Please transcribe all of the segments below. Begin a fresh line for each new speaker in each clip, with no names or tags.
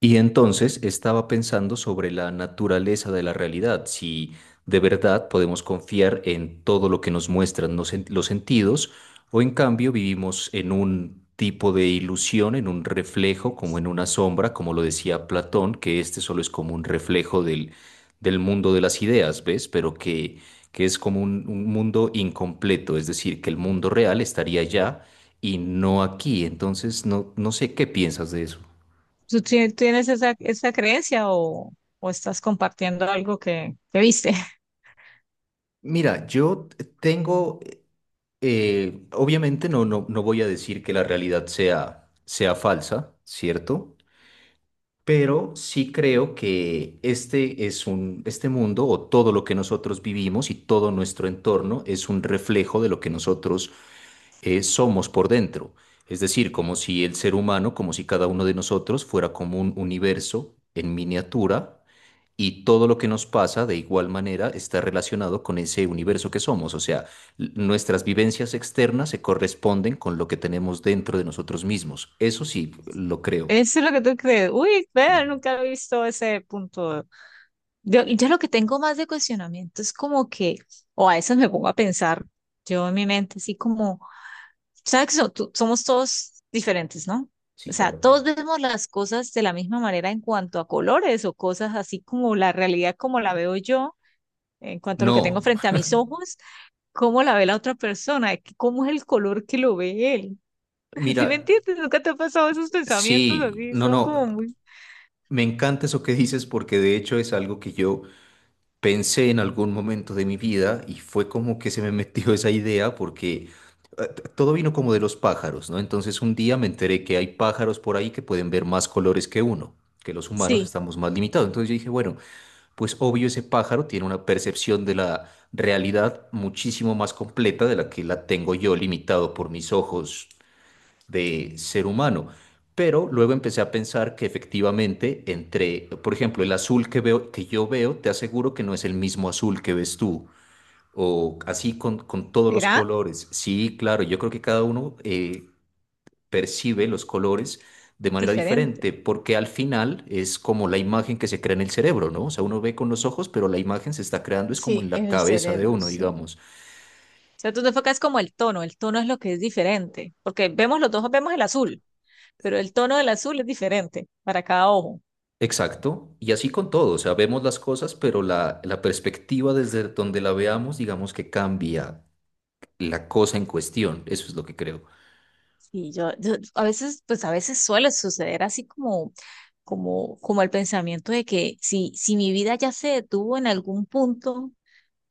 Y entonces estaba pensando sobre la naturaleza de la realidad, si de verdad podemos confiar en todo lo que nos muestran los sentidos o en cambio vivimos en un tipo de ilusión, en un reflejo, como en una sombra, como lo decía Platón, que este solo es como un reflejo del mundo de las ideas, ¿ves? Pero que es como un mundo incompleto, es decir, que el mundo real estaría allá y no aquí. Entonces, no sé qué piensas de eso.
Tienes esa, esa creencia o estás compartiendo algo que viste?
Mira, yo tengo, obviamente no voy a decir que la realidad sea falsa, ¿cierto? Pero sí creo que este es un este mundo o todo lo que nosotros vivimos y todo nuestro entorno es un reflejo de lo que nosotros somos por dentro. Es decir, como si el ser humano, como si cada uno de nosotros fuera como un universo en miniatura y todo lo que nos pasa de igual manera está relacionado con ese universo que somos. O sea, nuestras vivencias externas se corresponden con lo que tenemos dentro de nosotros mismos. Eso sí, lo creo.
Eso es lo que tú crees. Uy,
Sí,
vea, nunca he visto ese punto. Yo lo que tengo más de cuestionamiento es como que, o a veces me pongo a pensar, yo en mi mente, así como, ¿sabes que somos todos diferentes, ¿no? O
sí,
sea,
claro.
todos vemos las cosas de la misma manera en cuanto a colores o cosas así como la realidad como la veo yo, en cuanto a lo que
No,
tengo frente a mis ojos cómo la ve la otra persona, de que cómo es el color que lo ve él. ¿Sí me
mira,
entiendes? ¿Nunca te ha pasado esos pensamientos
sí,
así?
no,
Son
no,
como muy,
me encanta eso que dices porque de hecho es algo que yo pensé en algún momento de mi vida y fue como que se me metió esa idea porque todo vino como de los pájaros, ¿no? Entonces un día me enteré que hay pájaros por ahí que pueden ver más colores que uno, que los humanos
sí,
estamos más limitados. Entonces yo dije, bueno, pues obvio ese pájaro tiene una percepción de la realidad muchísimo más completa de la que la tengo yo limitado por mis ojos de ser humano. Pero luego empecé a pensar que efectivamente entre, por ejemplo, el azul que veo, que yo veo, te aseguro que no es el mismo azul que ves tú. O así con todos los
¿será?
colores. Sí, claro, yo creo que cada uno percibe los colores de manera
Diferente.
diferente, porque al final es como la imagen que se crea en el cerebro, ¿no? O sea, uno ve con los ojos, pero la imagen se está creando es como
Sí,
en la
es el
cabeza de
cerebro,
uno,
sí. O
digamos.
sea, tú te enfocas como el tono es lo que es diferente, porque vemos los dos, vemos el azul, pero el tono del azul es diferente para cada ojo.
Exacto, y así con todo, o sea, vemos las cosas, pero la perspectiva desde donde la veamos, digamos que cambia la cosa en cuestión, eso es lo que creo.
Y a veces, pues a veces suele suceder así como, como el pensamiento de que si mi vida ya se detuvo en algún punto.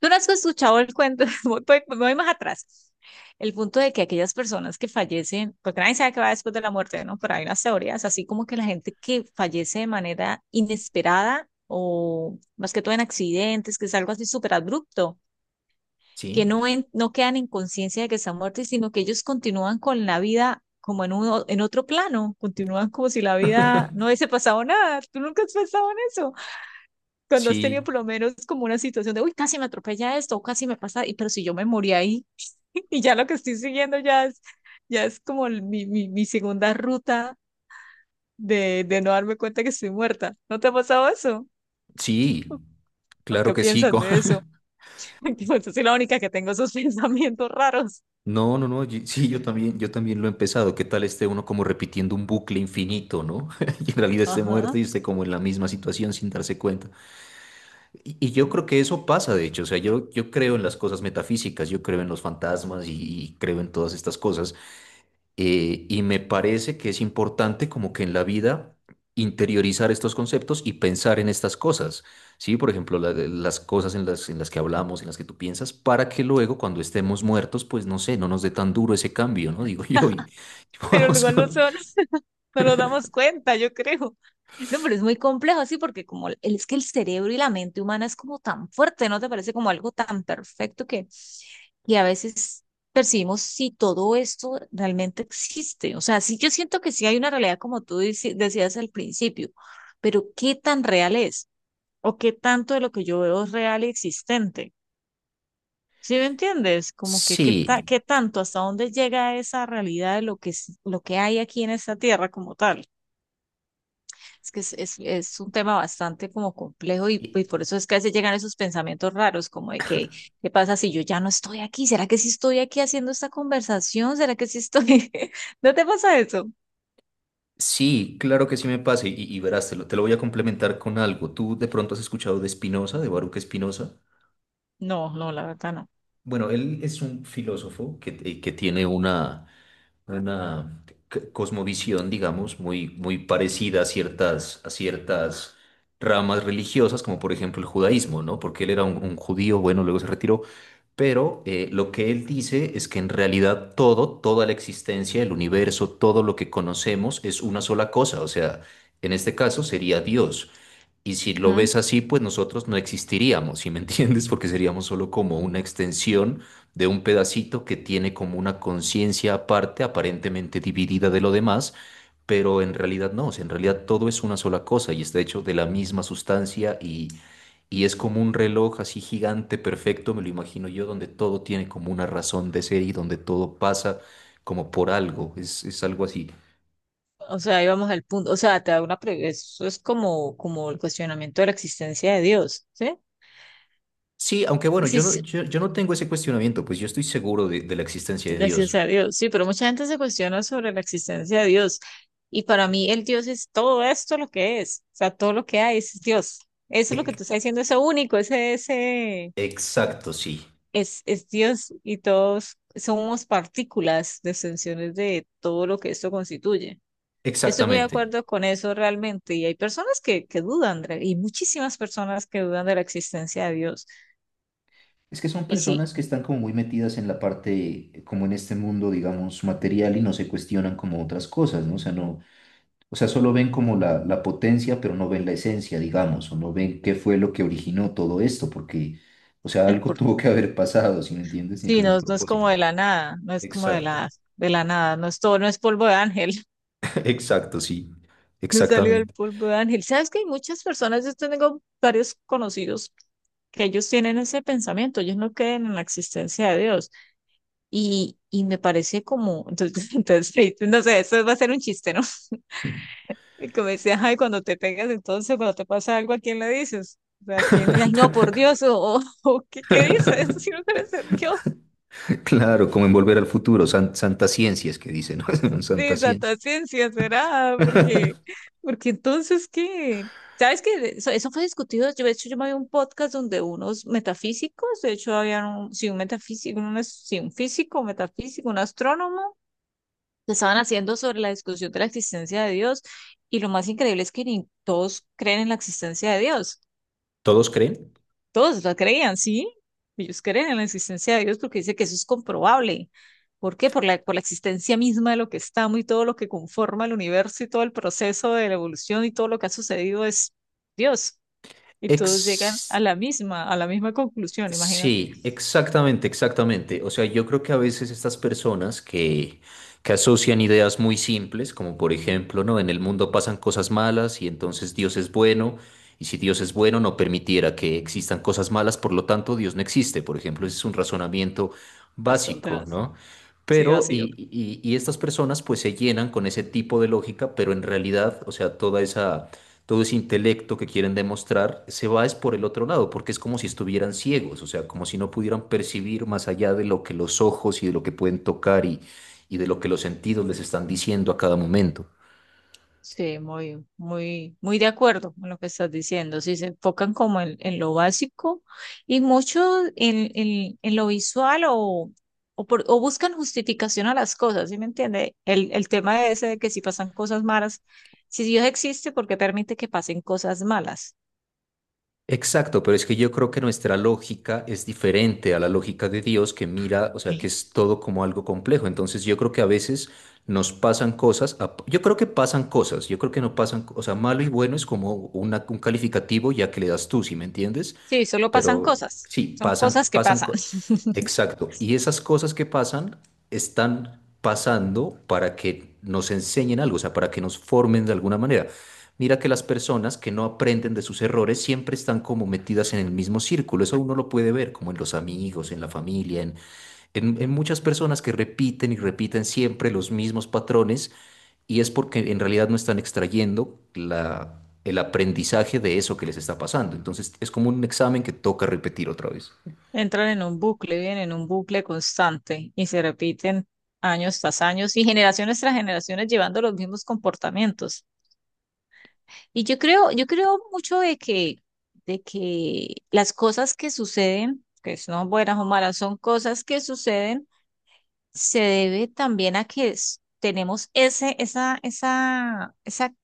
Tú no has escuchado el cuento. Me voy más atrás. El punto de que aquellas personas que fallecen, porque nadie sabe qué va después de la muerte, ¿no? Pero hay unas teorías, así como que la gente que fallece de manera inesperada o más que todo en accidentes, que es algo así súper abrupto, que
Sí,
no, no quedan en conciencia de que están muertos, sino que ellos continúan con la vida como en, uno, en otro plano, continúan como si la vida no hubiese pasado nada. ¿Tú nunca has pensado en eso? Cuando has tenido
sí,
por lo menos como una situación de, uy, casi me atropella esto, o casi me pasa, y pero si yo me morí ahí, y ya lo que estoy siguiendo ya es como mi segunda ruta de no darme cuenta que estoy muerta. ¿No te ha pasado eso?
sí,
¿O
claro
qué
que sí.
piensas de eso? Yo soy la única que tengo esos pensamientos raros.
No, no, no, yo- sí, yo también lo he empezado. ¿Qué tal esté uno como repitiendo un bucle infinito, ¿no? Y en realidad esté muerto
Ajá.
y esté como en la misma situación sin darse cuenta. Y yo creo que eso pasa, de hecho, o sea, yo creo en las cosas metafísicas, yo creo en los fantasmas y creo en todas estas cosas. Y me parece que es importante como que en la vida interiorizar estos conceptos y pensar en estas cosas, ¿sí? Por ejemplo, las cosas en en las que hablamos, en las que tú piensas, para que luego cuando estemos muertos, pues no sé, no nos dé tan duro ese cambio, ¿no? Digo yo. Y
Pero
podamos
igual no son. No nos damos cuenta, yo creo. No, pero es muy complejo, sí, porque como es que el cerebro y la mente humana es como tan fuerte, ¿no te parece como algo tan perfecto que a veces percibimos si todo esto realmente existe? O sea, sí, yo siento que sí hay una realidad como tú decías al principio, pero ¿qué tan real es? ¿O qué tanto de lo que yo veo es real y existente? ¿Sí me entiendes? Como que qué,
sí,
qué tanto, hasta dónde llega esa realidad de lo que, lo que hay aquí en esta tierra como tal. Es que es un tema bastante como complejo
y-
y por eso es que a veces llegan esos pensamientos raros, como de que, ¿qué pasa si yo ya no estoy aquí? ¿Será que sí estoy aquí haciendo esta conversación? ¿Será que sí estoy? ¿No te pasa eso?
sí, claro que sí me pasa y verás, te lo voy a complementar con algo. ¿Tú de pronto has escuchado de Spinoza, de Baruch Spinoza?
No, no, la verdad no.
Bueno, él es un filósofo que tiene una una cosmovisión, digamos, muy parecida a a ciertas ramas religiosas, como por ejemplo el judaísmo, ¿no? Porque él era un judío, bueno, luego se retiró, pero lo que él dice es que en realidad todo, toda la existencia, el universo, todo lo que conocemos es una sola cosa, o sea, en este caso sería Dios. Y si lo
Ujú.
ves así, pues nosotros no existiríamos, ¿sí me entiendes? Porque seríamos solo como una extensión de un pedacito que tiene como una conciencia aparte, aparentemente dividida de lo demás, pero en realidad no, o sea, en realidad todo es una sola cosa y está hecho de la misma sustancia y es como un reloj así gigante, perfecto, me lo imagino yo, donde todo tiene como una razón de ser y donde todo pasa como por algo, es algo así.
O sea, ahí vamos al punto. O sea, te da una eso es como, como el cuestionamiento de la existencia de Dios, ¿sí?
Sí, aunque bueno,
Sí, sí,
yo no tengo ese cuestionamiento, pues yo estoy seguro de la existencia de
gracias
Dios.
a Dios. Sí, pero mucha gente se cuestiona sobre la existencia de Dios. Y para mí el Dios es todo esto lo que es. O sea, todo lo que hay es Dios. Eso es lo que
Ec-
tú estás diciendo, ese único, ese
Exacto, sí,
es Dios y todos somos partículas, extensiones de todo lo que esto constituye. Estoy muy de
exactamente.
acuerdo con eso realmente. Y hay personas que dudan, Andrea, y muchísimas personas que dudan de la existencia de Dios.
Es que son
Y sí,
personas que están como muy metidas en la parte, como en este mundo, digamos, material y no se cuestionan como otras cosas, ¿no? O sea, no, o sea, solo ven como la potencia, pero no ven la esencia, digamos, o no ven qué fue lo que originó todo esto, porque, o sea,
el
algo
porqué
tuvo que haber pasado, ¿sí me entiendes? Tiene que
sí,
haber un
no, no es
propósito.
como de la nada, no es como
Exacto,
de la nada, no es todo, no es polvo de ángel,
exacto, sí,
no salió del
exactamente.
polvo de ángel. ¿Sabes que hay muchas personas, yo tengo varios conocidos que ellos tienen ese pensamiento, ellos no creen en la existencia de Dios. Y me parece como, entonces, entonces, sí, no sé, eso va a ser un chiste, ¿no? Y como decía, ay, cuando te pegas, entonces, cuando te pasa algo, ¿a quién le dices? O sea, ¿a quién? Ay, no, por Dios, o, ¿qué dices? Si no crees en Dios.
Claro, como en Volver al Futuro, santa ciencias que dicen, ¿no? Santa
Sí,
ciencia.
Santa Ciencia, ¿será? Porque, porque entonces, ¿qué? ¿Sabes que eso fue discutido? Yo, de hecho, yo me vi un podcast donde unos metafísicos, de hecho, había un, sí, un metafísico, un, sí, un físico, un metafísico, un astrónomo, que estaban haciendo sobre la discusión de la existencia de Dios. Y lo más increíble es que ni todos creen en la existencia de Dios.
¿Todos creen?
Todos la creían, sí. Ellos creen en la existencia de Dios porque dice que eso es comprobable. ¿Por qué? Por la existencia misma de lo que estamos y todo lo que conforma el universo y todo el proceso de la evolución y todo lo que ha sucedido es Dios. Y todos llegan
Ex-
a la misma conclusión, imagínate.
sí, exactamente, exactamente. O sea, yo creo que a veces estas personas que asocian ideas muy simples, como por ejemplo, ¿no? En el mundo pasan cosas malas y entonces Dios es bueno, y si Dios es bueno no permitiera que existan cosas malas, por lo tanto Dios no existe, por ejemplo, ese es un razonamiento
Bastante,
básico, ¿no?
sí,
Pero,
vacío.
y, y, y estas personas pues se llenan con ese tipo de lógica, pero en realidad, o sea, toda esa todo ese intelecto que quieren demostrar se va es por el otro lado, porque es como si estuvieran ciegos, o sea, como si no pudieran percibir más allá de lo que los ojos y de lo que pueden tocar y de lo que los sentidos les están diciendo a cada momento.
Sí, muy de acuerdo con lo que estás diciendo. Sí, se enfocan como en lo básico y mucho en, en lo visual o, o buscan justificación a las cosas, ¿sí me entiende? El tema ese de que si pasan cosas malas, si Dios existe, ¿por qué permite que pasen cosas malas?
Exacto, pero es que yo creo que nuestra lógica es diferente a la lógica de Dios que mira, o sea, que es todo como algo complejo. Entonces yo creo que a veces nos pasan cosas, a- yo creo que pasan cosas, yo creo que no pasan, o sea, malo y bueno es como un calificativo ya que le das tú, ¿sí me entiendes?
Sí, solo pasan
Pero
cosas,
sí,
son cosas que pasan.
exacto. Y esas cosas que pasan están pasando para que nos enseñen algo, o sea, para que nos formen de alguna manera. Mira que las personas que no aprenden de sus errores siempre están como metidas en el mismo círculo. Eso uno lo puede ver, como en los amigos, en la familia, en muchas personas que repiten y repiten siempre los mismos patrones y es porque en realidad no están extrayendo el aprendizaje de eso que les está pasando. Entonces es como un examen que toca repetir otra vez.
Entran en un bucle, viven en un bucle constante y se repiten años tras años y generaciones tras generaciones llevando los mismos comportamientos. Y yo creo mucho de que las cosas que suceden, que son buenas o malas, son cosas que suceden, se debe también a que tenemos ese, esa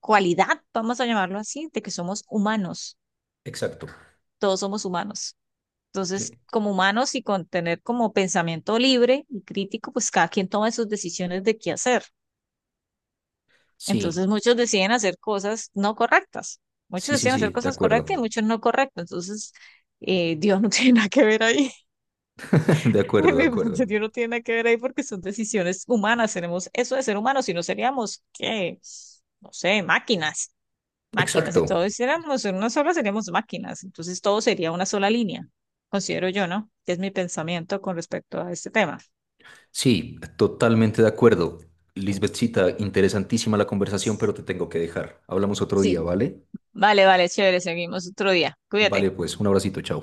cualidad, vamos a llamarlo así, de que somos humanos,
Exacto.
todos somos humanos. Entonces,
Eh,
como humanos y con tener como pensamiento libre y crítico, pues cada quien toma sus decisiones de qué hacer.
sí,
Entonces muchos deciden hacer cosas no correctas. Muchos deciden
sí,
hacer
de
cosas correctas y
acuerdo.
muchos no correctas. Entonces, Dios no tiene nada que ver ahí.
De acuerdo,
En
de
mi punto,
acuerdo.
Dios no tiene nada que ver ahí porque son decisiones humanas. Tenemos eso de ser humanos, si no seríamos, ¿qué? No sé, máquinas. Máquinas. Si
Exacto.
todos hiciéramos en una sola, seríamos máquinas. Entonces todo sería una sola línea, considero yo, ¿no? Es mi pensamiento con respecto a este tema.
Sí, totalmente de acuerdo. Lisbethcita, interesantísima la conversación, pero te tengo que dejar. Hablamos otro día,
Sí.
¿vale?
Vale, vale, chévere. Seguimos otro día.
Vale,
Cuídate.
pues un abracito, chao.